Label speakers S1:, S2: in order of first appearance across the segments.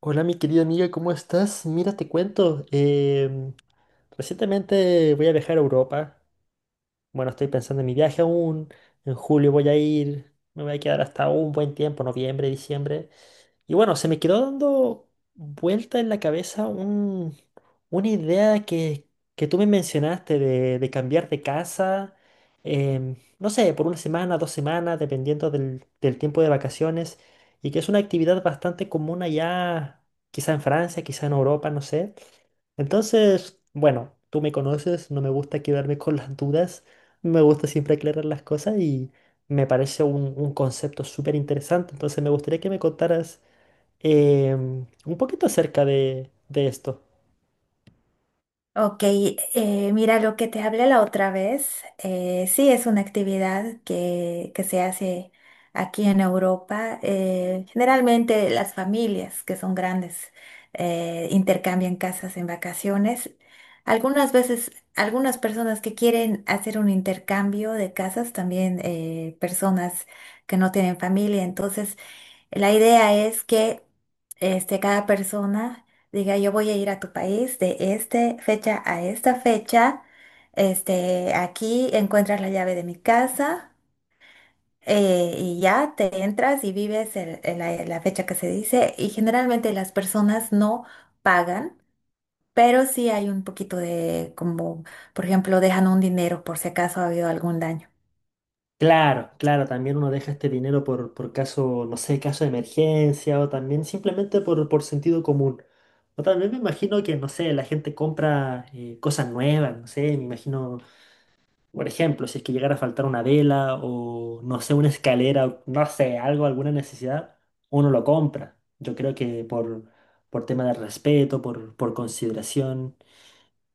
S1: Hola mi querida amiga, ¿cómo estás? Mira, te cuento, recientemente voy a viajar a Europa, bueno, estoy pensando en mi viaje aún. En julio voy a ir. Me voy a quedar hasta un buen tiempo, noviembre, diciembre. Y bueno, se me quedó dando vuelta en la cabeza una idea que tú me mencionaste de cambiar de casa, no sé, por una semana, dos semanas, dependiendo del tiempo de vacaciones, y que es una actividad bastante común allá, quizá en Francia, quizá en Europa, no sé. Entonces, bueno, tú me conoces, no me gusta quedarme con las dudas. Me gusta siempre aclarar las cosas y me parece un concepto súper interesante. Entonces me gustaría que me contaras un poquito acerca de esto.
S2: Ok, mira lo que te hablé la otra vez. Sí, es una actividad que se hace aquí en Europa. Generalmente las familias que son grandes intercambian casas en vacaciones. Algunas veces, algunas personas que quieren hacer un intercambio de casas, también personas que no tienen familia. Entonces, la idea es que este, cada persona diga, yo voy a ir a tu país de esta fecha a esta fecha. Este, aquí encuentras la llave de mi casa, y ya te entras y vives la fecha que se dice. Y generalmente las personas no pagan, pero sí hay un poquito de, como, por ejemplo, dejan un dinero por si acaso ha habido algún daño.
S1: Claro, claro, también uno deja este dinero por caso, no sé, caso de emergencia o también simplemente por sentido común. O también me imagino que, no sé, la gente compra cosas nuevas, no sé, me imagino. Por ejemplo, si es que llegara a faltar una vela o, no sé, una escalera, o no sé, algo, alguna necesidad, uno lo compra. Yo creo que por tema de respeto, por consideración.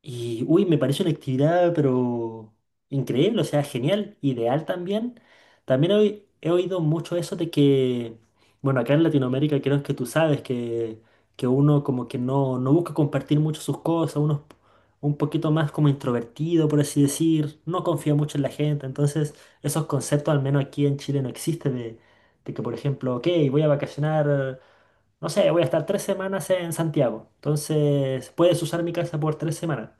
S1: Y, uy, me parece una actividad, pero increíble, o sea, genial, ideal también. También he oído mucho eso de que, bueno, acá en Latinoamérica creo que tú sabes que uno como que no busca compartir mucho sus cosas, uno es un poquito más como introvertido, por así decir, no confía mucho en la gente. Entonces, esos conceptos, al menos aquí en Chile, no existen de que, por ejemplo, ok, voy a vacacionar. No sé, voy a estar tres semanas en Santiago. Entonces, puedes usar mi casa por tres semanas.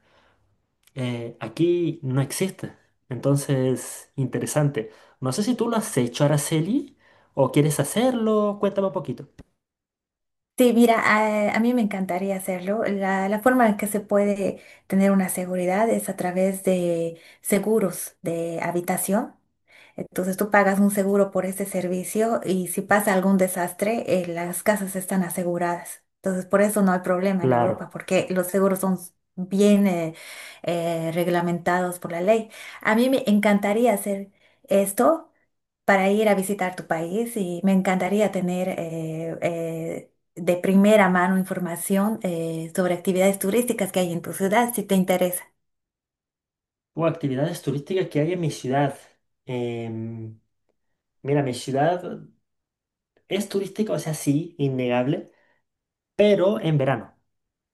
S1: Aquí no existe. Entonces, interesante. No sé si tú lo has hecho, Araceli, o quieres hacerlo. Cuéntame un poquito.
S2: Sí, mira, a mí me encantaría hacerlo. La forma en que se puede tener una seguridad es a través de seguros de habitación. Entonces tú pagas un seguro por ese servicio y si pasa algún desastre, las casas están aseguradas. Entonces por eso no hay problema en Europa,
S1: Claro.
S2: porque los seguros son bien reglamentados por la ley. A mí me encantaría hacer esto para ir a visitar tu país y me encantaría tener de primera mano información sobre actividades turísticas que hay en tu ciudad, si te interesa.
S1: O actividades turísticas que hay en mi ciudad. Em, mira, mi ciudad es turística, o sea, sí, innegable, pero en verano.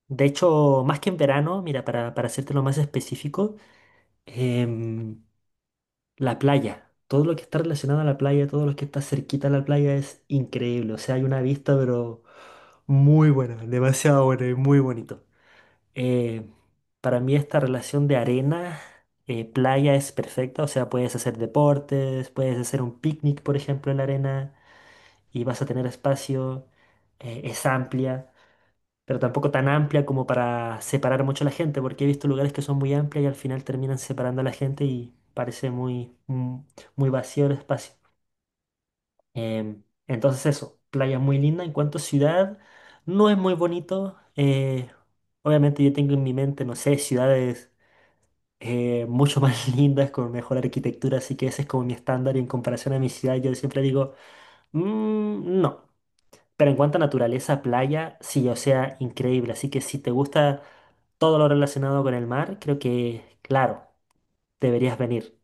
S1: De hecho, más que en verano, mira, para hacértelo más específico, em, la playa. Todo lo que está relacionado a la playa, todo lo que está cerquita a la playa es increíble. O sea, hay una vista, pero... muy buena, demasiado buena y muy bonito. Eh, para mí esta relación de arena, playa es perfecta, o sea, puedes hacer deportes, puedes hacer un picnic, por ejemplo, en la arena y vas a tener espacio, es amplia, pero tampoco tan amplia como para separar mucho a la gente, porque he visto lugares que son muy amplias y al final terminan separando a la gente y parece muy vacío el espacio. Entonces eso, playa muy linda. En cuanto a ciudad, no es muy bonito. Obviamente yo tengo en mi mente, no sé, ciudades mucho más lindas con mejor arquitectura, así que ese es como mi estándar y en comparación a mi ciudad yo siempre digo, "Mm, no". Pero en cuanto a naturaleza, playa, sí, o sea, increíble. Así que si te gusta todo lo relacionado con el mar, creo que, claro, deberías venir.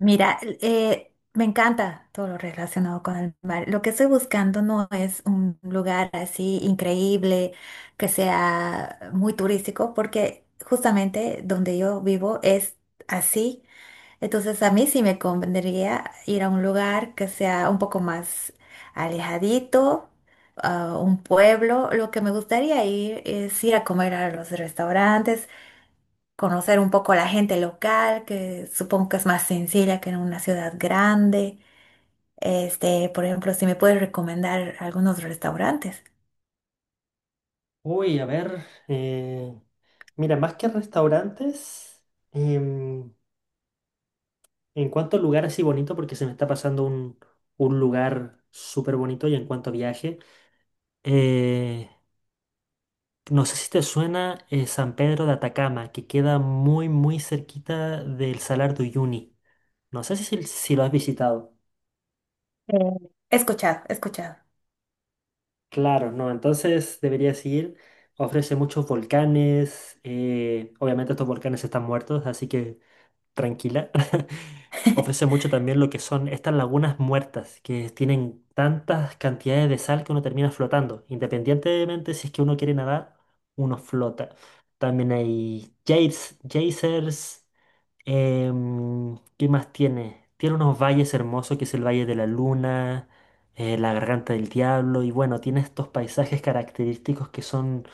S2: Mira, me encanta todo lo relacionado con el mar. Lo que estoy buscando no es un lugar así increíble, que sea muy turístico, porque justamente donde yo vivo es así. Entonces a mí sí me convendría ir a un lugar que sea un poco más alejadito, a un pueblo. Lo que me gustaría ir es ir a comer a los restaurantes, conocer un poco a la gente local, que supongo que es más sencilla que en una ciudad grande. Este, por ejemplo, si me puedes recomendar algunos restaurantes.
S1: Uy, a ver, mira, más que restaurantes. em, En cuanto a lugar así bonito, porque se me está pasando un lugar súper bonito y en cuanto a viaje, eh, no sé si te suena San Pedro de Atacama, que queda muy, muy cerquita del Salar de Uyuni. No sé si lo has visitado.
S2: He escuchado, he escuchado.
S1: Claro, no, entonces deberías ir. Ofrece muchos volcanes. Obviamente estos volcanes están muertos, así que tranquila, ofrece mucho también lo que son estas lagunas muertas, que tienen tantas cantidades de sal que uno termina flotando. Independientemente si es que uno quiere nadar, uno flota. También hay geysers. ¿Qué más tiene? Tiene unos valles hermosos, que es el Valle de la Luna, la Garganta del Diablo, y bueno, tiene estos paisajes característicos que son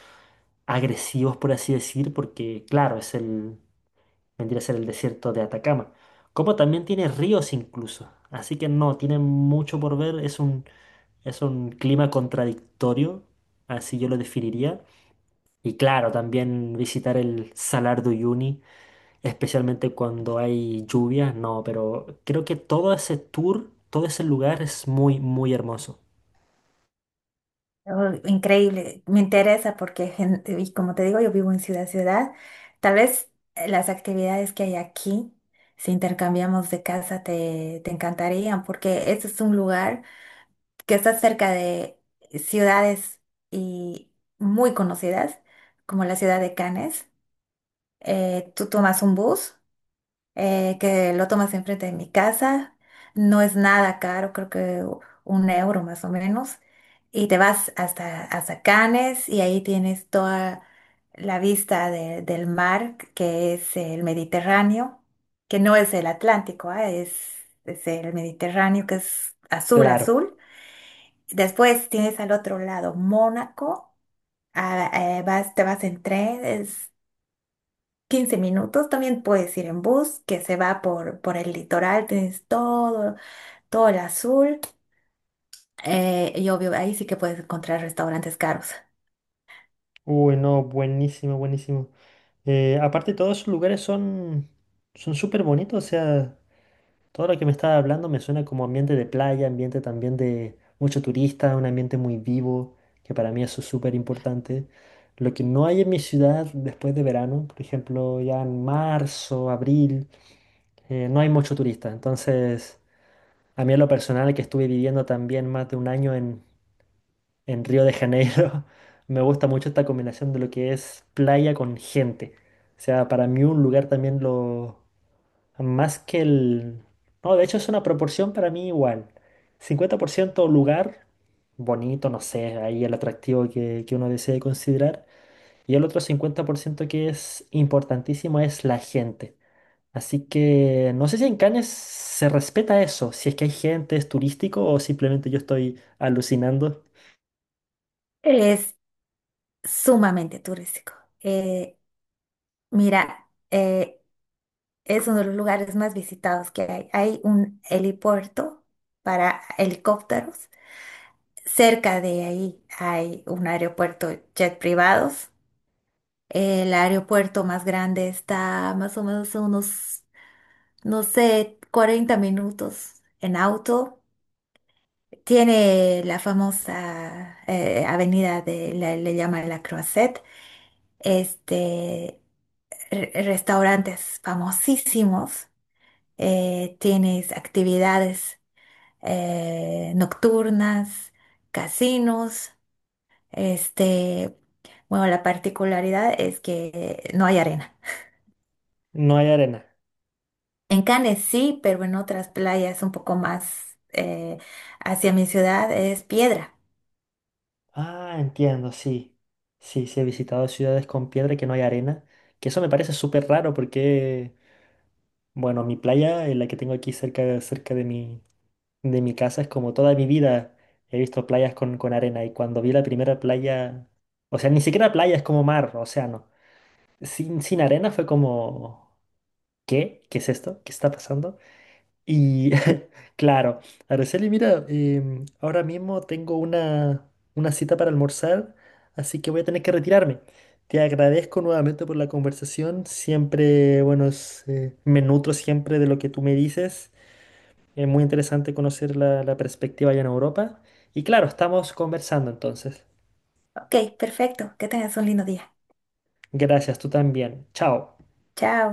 S1: agresivos, por así decir, porque claro, es el vendría a ser el desierto de Atacama, como también tiene ríos incluso. Así que no, tiene mucho por ver, es es un clima contradictorio, así yo lo definiría. Y claro, también visitar el Salar de Uyuni, especialmente cuando hay lluvias, no, pero creo que todo ese tour, todo ese lugar es muy, muy hermoso.
S2: Oh, increíble, me interesa porque, gen- y como te digo, yo vivo en ciudad, ciudad. Tal vez las actividades que hay aquí, si intercambiamos de casa, te encantarían, porque este es un lugar que está cerca de ciudades y muy conocidas, como la ciudad de Cannes. Tú tomas un bus que lo tomas enfrente de mi casa. No es nada caro, creo que 1 euro más o menos. Y te vas hasta Cannes y ahí tienes toda la vista de- del mar, que es el Mediterráneo, que no es el Atlántico, ah, es el Mediterráneo, que es azul,
S1: Claro.
S2: azul. Después tienes al otro lado Mónaco, ah, vas, te vas en tren, 15 minutos, también puedes ir en bus que se va por el litoral, tienes todo, todo el azul y obvio ahí sí que puedes encontrar restaurantes caros.
S1: Uy, no, buenísimo, buenísimo. Aparte, todos esos lugares son súper bonitos, o sea, todo lo que me estaba hablando me suena como ambiente de playa, ambiente también de mucho turista, un ambiente muy vivo, que para mí eso es súper importante. Lo que no hay en mi ciudad después de verano, por ejemplo, ya en marzo, abril, no hay mucho turista. Entonces, a mí en lo personal, que estuve viviendo también más de un año en Río de Janeiro, me gusta mucho esta combinación de lo que es playa con gente. O sea, para mí un lugar también lo más que el... No, de hecho es una proporción para mí igual. 50% lugar bonito, no sé, ahí el atractivo que uno desee considerar. Y el otro 50% que es importantísimo es la gente. Así que no sé si en Cannes se respeta eso, si es que hay gente, es turístico o simplemente yo estoy alucinando.
S2: Es sumamente turístico. Eh, Mira, es uno de los lugares más visitados que hay. Hay un helipuerto para helicópteros. Cerca de ahí hay un aeropuerto jet privados. El aeropuerto más grande está más o menos a unos no sé, 40 minutos en auto. Tiene la famosa avenida de, la- le, llaman La Croisette, este, re- restaurantes famosísimos, tienes actividades nocturnas, casinos, este, bueno, la particularidad es que no hay arena.
S1: No hay arena.
S2: En Cannes sí, pero en otras playas un poco más hacia mi ciudad es piedra.
S1: Ah, entiendo, sí. Sí, sí, he visitado ciudades con piedra que no hay arena, que eso me parece súper raro porque... bueno, mi playa, la que tengo aquí cerca, cerca de mi casa, es como toda mi vida he visto playas con arena y cuando vi la primera playa, o sea, ni siquiera playa, es como mar, océano. Sin arena fue como, ¿qué? ¿Qué es esto? ¿Qué está pasando? Y claro, Araceli, mira, ahora mismo tengo una cita para almorzar, así que voy a tener que retirarme. Te agradezco nuevamente por la conversación. Siempre, bueno, me nutro siempre de lo que tú me dices. Es muy interesante conocer la perspectiva allá en Europa. Y claro, estamos conversando entonces.
S2: Ok, perfecto. Que tengas un lindo día.
S1: Gracias, tú también. Chao.
S2: Chao.